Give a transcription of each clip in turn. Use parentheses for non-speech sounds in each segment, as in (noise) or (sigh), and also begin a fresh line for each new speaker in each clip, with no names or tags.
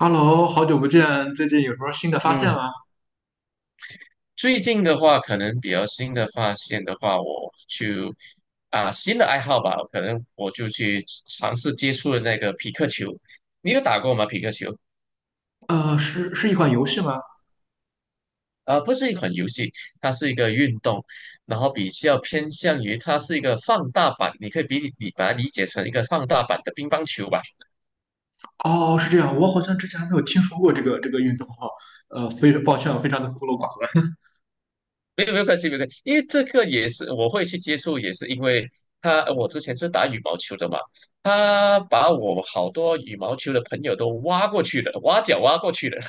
Hello，好久不见，最近有什么新的发现
嗯，
吗？
最近的话，可能比较新的发现的话，我就啊新的爱好吧，可能我就去尝试接触了那个皮克球。你有打过吗？皮克球？
是一款游戏吗？
啊，不是一款游戏，它是一个运动，然后比较偏向于它是一个放大版，你可以你把它理解成一个放大版的乒乓球吧。
哦，是这样，我好像之前还没有听说过这个运动哈，非常 (laughs) 抱歉，我非常的孤陋寡闻。
没有没有关系，没有关系，因为这个也是我会去接触，也是因为我之前是打羽毛球的嘛，他把我好多羽毛球的朋友都挖角挖过去了。(laughs)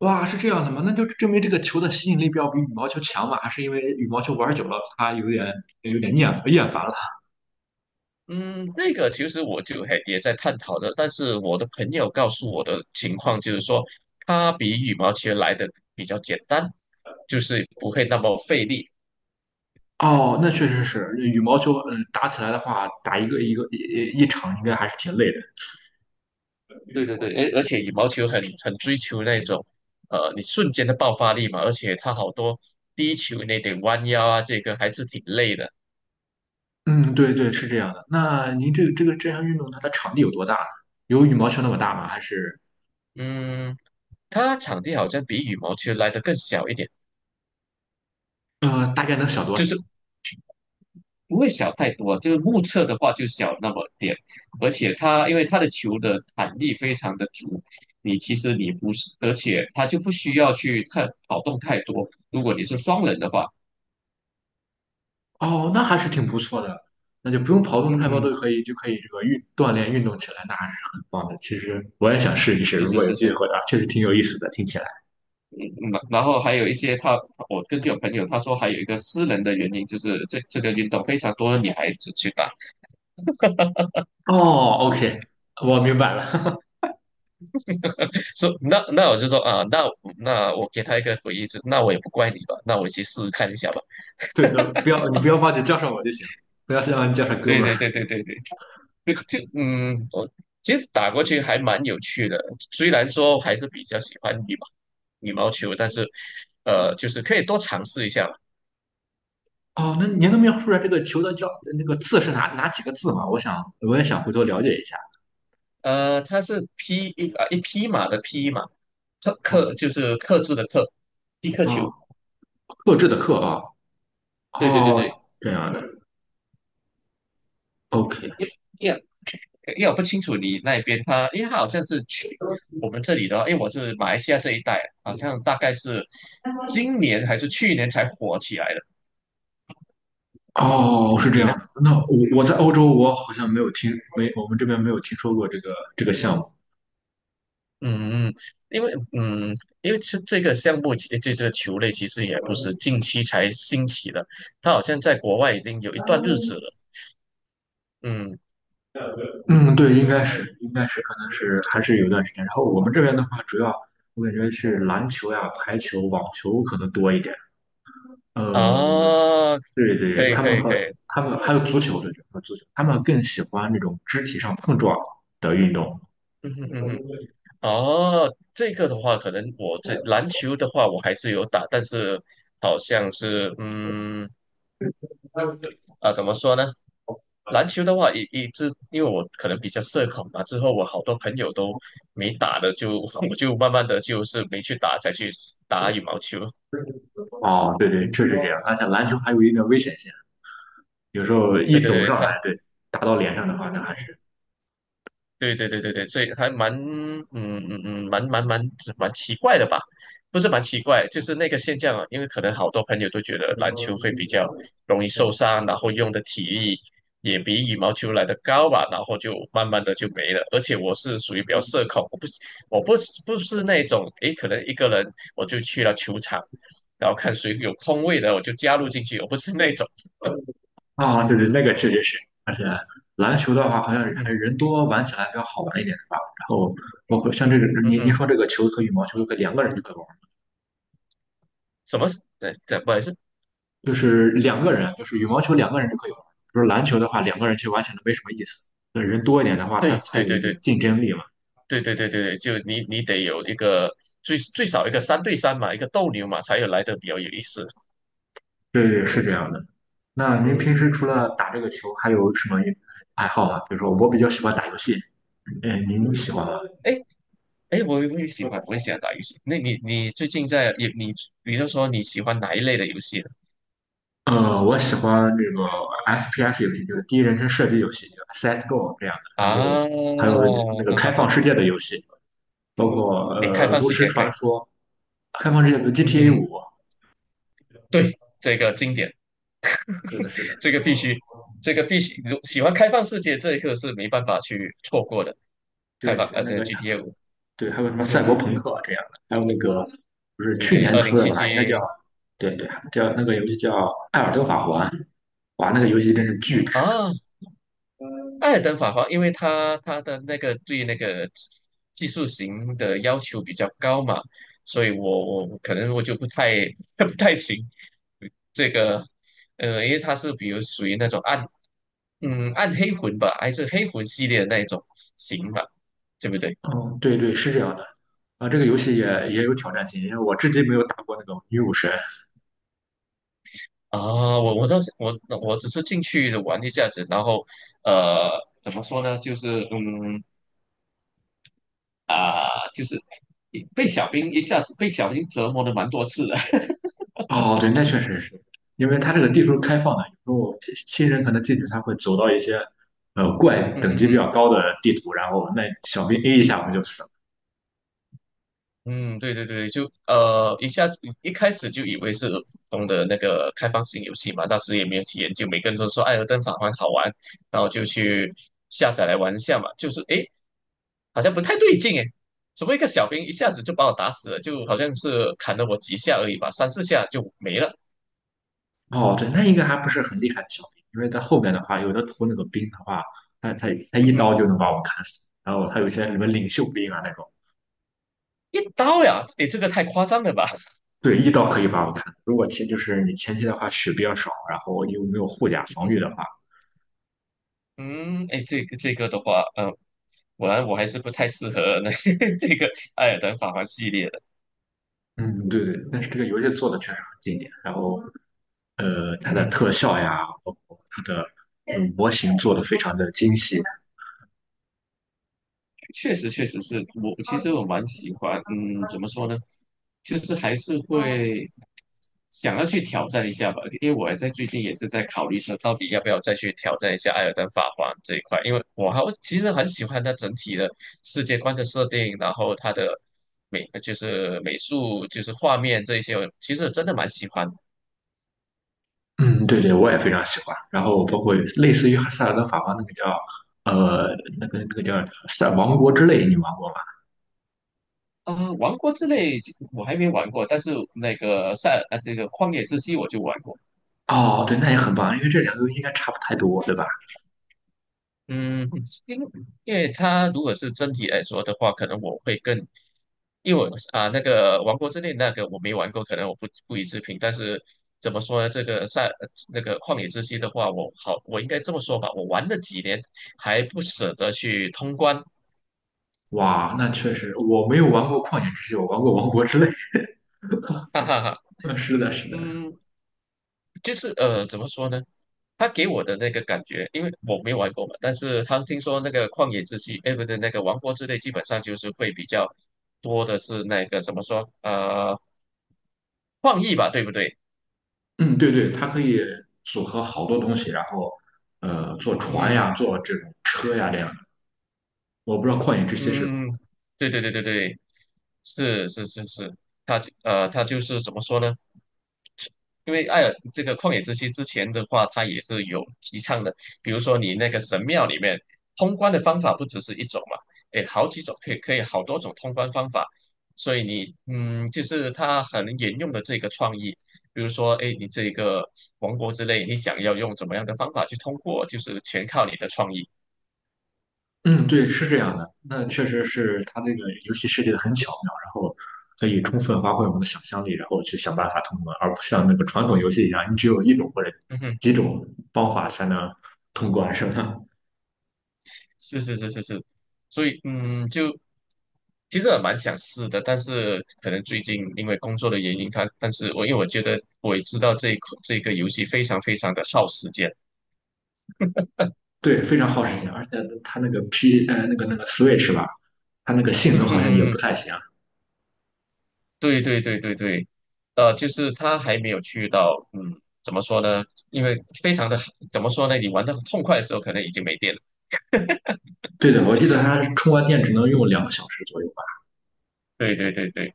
哇，是这样的吗？那就证明这个球的吸引力要比羽毛球强嘛？还是因为羽毛球玩久了，它有点厌烦了？
嗯，那个其实我就还也在探讨的，但是我的朋友告诉我的情况就是说，他比羽毛球来的比较简单，就是不会那么费力。
哦，那确实是，羽毛球，打起来的话，打一个一个一一场应该还是挺累的。
对对对，而且羽毛球很追求那种，你瞬间的爆发力嘛，而且它好多低球那点弯腰啊，这个还是挺累的。
嗯，对对，是这样的。那您这项运动它的场地有多大呢？有羽毛球那么大吗？还是？
嗯，它场地好像比羽毛球来的更小一点，
大概能小多
就
少？
是不会小太多，就是目测的话就小那么点，而且它因为它的球的弹力非常的足，你其实你不是，而且它就不需要去太跑动太多。如果你是双人的话，
哦，那还是挺不错的，那就不用跑动太多，
嗯，
都可以就可以这个运锻炼运动起来，那还是很棒的。其实我也想试一试，
是
如
是
果有
是
机
是。
会的话，确实挺有意思的，听起来。
嗯，然后还有一些我根据我朋友他说，还有一个私人的原因，就是这这个运动非常多的女孩子去打，
哦，OK，我明白了。
说那我就说啊，那我给他一个回应，就那我也不怪你吧，那我去试试看一下吧。
(laughs) 对的，不要你不要忘记叫上我就行，不要忘记叫上哥
对
们儿。
对对对对对，就我其实打过去还蛮有趣的，虽然说还是比较喜欢羽毛球，但是就是可以多尝试一下嘛。
哦，那您能描述出来这个球的叫那个字是哪几个字吗？我也想回头了解一下。
它是匹一啊一匹马的匹马，克就是克制的克，匹克
哦
球。
哦克制的克啊，
对对
哦，
对对，
这样的，OK。
因为因为我不清楚你那边他，因为他好像是去我们这里的话，因为我是马来西亚这一带，好像大概是今年还是去年才火起来的。
哦，是这
你
样
呢？
的。那我在欧洲，我好像没有听，没我们这边没有听说过这个项目。
嗯，嗯，因为这个项目，这个球类其实也不是近期才兴起的，它好像在国外已经有一段日子了。嗯
嗯，对，应该是，可能是还是有段时间。然后我们这边的话，主要我感觉是篮球呀、排球、网球可能多一点。呃，
啊，
对对，
可以可以可以，
他们还有足球，对对，还有足球，他们更喜欢那种肢体上碰撞的运动。
嗯哼哼哼。哦，这个的话，可能我这篮球的话，我还是有打，但是好像是怎么说呢？篮球的话，一直因为我可能比较社恐嘛，之后我好多朋友都没打的就，(laughs) 我就慢慢的就是没去打，才去打羽毛球。
哦，对对，确实这样。而且篮球还有一定的危险性，有时候
对
一
对
肘
对，
上来，对，打到脸上的话，那还是。
对对对对对，所以还蛮嗯嗯嗯蛮蛮蛮蛮奇怪的吧？不是蛮奇怪，就是那个现象啊，因为可能好多朋友都觉得篮球会比较容易受伤，然后用的体力也比羽毛球来的高吧，然后就慢慢的就没了。而且我是属于比较社恐，我不是那种诶，可能一个人我就去了球场，然后看谁有空位的我就加入进去，我不是那种，
啊，对对，那个确实是，而且篮球的话，好像
嗯
还是
哼
人多玩起来比较好玩一点，是吧？然后包括像
嗯
这
哼
个，
嗯
您
哼，
说这个球和羽毛球都可以两个人就可以玩，
什么？对对，不好意思，
就是两个人，就是羽毛球两个人就可以玩。比如篮球的话，两个人其实玩起来没什么意思，那人多一点的话，它
对
才
对
有一
对
种
对
竞争力嘛。
对对对对对，就你你得有一个最少一个三对三嘛，一个斗牛嘛，才有来的比较有意思。
对对，是这样的。那您平时除
嗯，
了打这个球，还有什么爱好吗？比如说，我比较喜欢打游戏，您喜欢吗？
哎哎，诶我也喜欢，我也喜欢打游戏。那你你最近在你你比如说你喜欢哪一类的游戏呢？
我喜欢这个 FPS 游戏，就是第一人称射击游戏，CS:GO 这样的，然后
啊，
还有那个
哈
开
哈哈，
放世界的游戏，包括
哎，开放
《炉
世
石
界可以，
传说》、开放世界的
嗯
GTA
哼，
五，
对，这个经典，
是的，是的，
这个必须，这个必须，如喜欢开放世界这一刻是没办法去错过的。开
对，
放的 GTA5，
对，还有什么赛
嗯
博朋
嗯，
克这样的，还有那个不是
对
去
对，
年
二零
出的
七
吧，
七。
应该叫对对，那个游戏叫《艾尔登法环》，哇，那个游戏真是巨值。
啊，艾尔登法环，因为它的那个技术型的要求比较高嘛，所以我可能我就不太 (laughs) 不太行这个，呃，因为它是比如属于那种暗黑魂吧，还是黑魂系列的那一种型吧，对不对？
嗯，对对，是这样的啊，这个游戏也有挑战性，因为我至今没有打过那种女武神，
啊，我我倒是我我只是进去玩一下子，然后呃怎么说呢，就是啊、就是被小兵折磨的蛮多次的，(laughs)
哦，对，那确实是，因为它这个地图开放的，有时候新人可能进去，他会走到一些怪
嗯
等
哼
级比
哼。
较高的地图，然后那小兵 A 一下我们就死
嗯，对对对，就一下子一开始就以为是普通的那个开放性游戏嘛，当时也没有去研究，每个人都说《艾尔登法环》好玩，然后就去下载来玩一下嘛，就是诶，好像不太对劲诶，怎么一个小兵一下子就把我打死了，就好像是砍了我几下而已吧，三四下就没了，
了。哦，对，那应该还不是很厉害的小兵，因为在后面的话，有的图那个兵的话，他
嗯
一刀
哼，
就能把我砍死，然后他有些什么领袖兵啊那种，
一刀呀，诶，这个太夸张了吧，
对，一刀可以把我砍。如果前就是你前期的话血比较少，然后又没有护甲防御
(laughs)
的话，
嗯，哎，这个的话，果然我还是不太适合那 (laughs) 这个《艾尔登法环》系列的，
嗯，对对，但是这个游戏做的确实很经典，然后。它的
(laughs)
特效呀，包括它的模型做的非常的精细。
确实确实是我其实我蛮喜欢，嗯，怎么说呢，就是还是会想要去挑战一下吧，因为我还在最近也是在考虑说，到底要不要再去挑战一下艾尔登法环这一块，因为我其实很喜欢它整体的世界观的设定，然后它的美就是美术就是画面这一些，我其实真的蛮喜欢啊，
嗯，对对，我也非常喜欢。然后包括类似于《塞尔达法王那个叫呃那个叫《塞王国之泪》，你玩过吗？
呃王国之泪我还没玩过，但是那个这个旷野之息我就玩过。
哦，对，那也很棒，因为这两个应该差不太多，对吧？
嗯，因因为它如果是真题来说的话，可能我会更，因为我那个《王国之泪》那个我没玩过，可能我不不予置评。但是怎么说呢？这个赛那个旷野之息的话，我好，我应该这么说吧，我玩了几年还不舍得去通关，
哇，那确实，我没有玩过《旷野之息》，我玩过《王国之泪》(laughs)。
哈哈哈。
是的，是的，
嗯，就是呃，怎么说呢？他给我的那个感觉，因为我没玩过嘛，但是他听说那个旷野之息，哎，不对，那个王国之泪，基本上就是会比较多的是那个怎么说，呃，创意吧，对不对？
嗯，对对，它可以组合好多东西，然后坐船
嗯
呀，坐这种车呀，这样。我不知道《旷野之息》是不，
嗯，对对对对对，是是是是，他就是怎么说呢？因为艾尔这个旷野之息之前的话，它也是有提倡的，比如说你那个神庙里面通关的方法不只是一种嘛，诶，好几种，可以可以好多种通关方法，所以你嗯，就是它很沿用的这个创意，比如说诶，你这个王国之类，你想要用怎么样的方法去通过，就是全靠你的创意。
嗯，对，是这样的。那确实是它这个游戏设计的很巧妙，然后可以充分发挥我们的想象力，然后去想办法通关，而不像那个传统游戏一样，你只有一种或者
嗯哼，
几种方法才能通关，是吧？
是是是是是，所以就其实我蛮想试的，但是可能最近因为工作的原因，它但是我因为我觉得我也知道这一款这个游戏非常非常的耗时间。
对，非常耗时间，而且它那个 那个 Switch 吧，它那个性能好像也不
嗯，
太行。
对对对对对，就是他还没有去到，嗯，怎么说呢？因为非常的怎么说呢？你玩的痛快的时候，可能已经没电了。
对的，我记得它充完电只能用2个小时左右吧。
对对对对，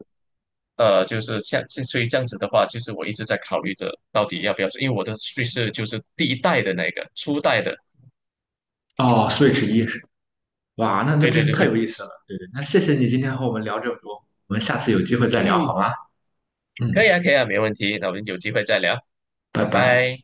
就是所以这样子的话，就是我一直在考虑着到底要不要，因为我的叙事就是第一代的那个初代的。
哦，Switch 哇，那
对对
真是
对
太
对，
有意思了。对对，那谢谢你今天和我们聊这么多，我们下次有机会再聊
嗯，
好吗？
可以
嗯，
啊可以啊，没问题。那我们有机会再聊。
拜
拜
拜。
拜。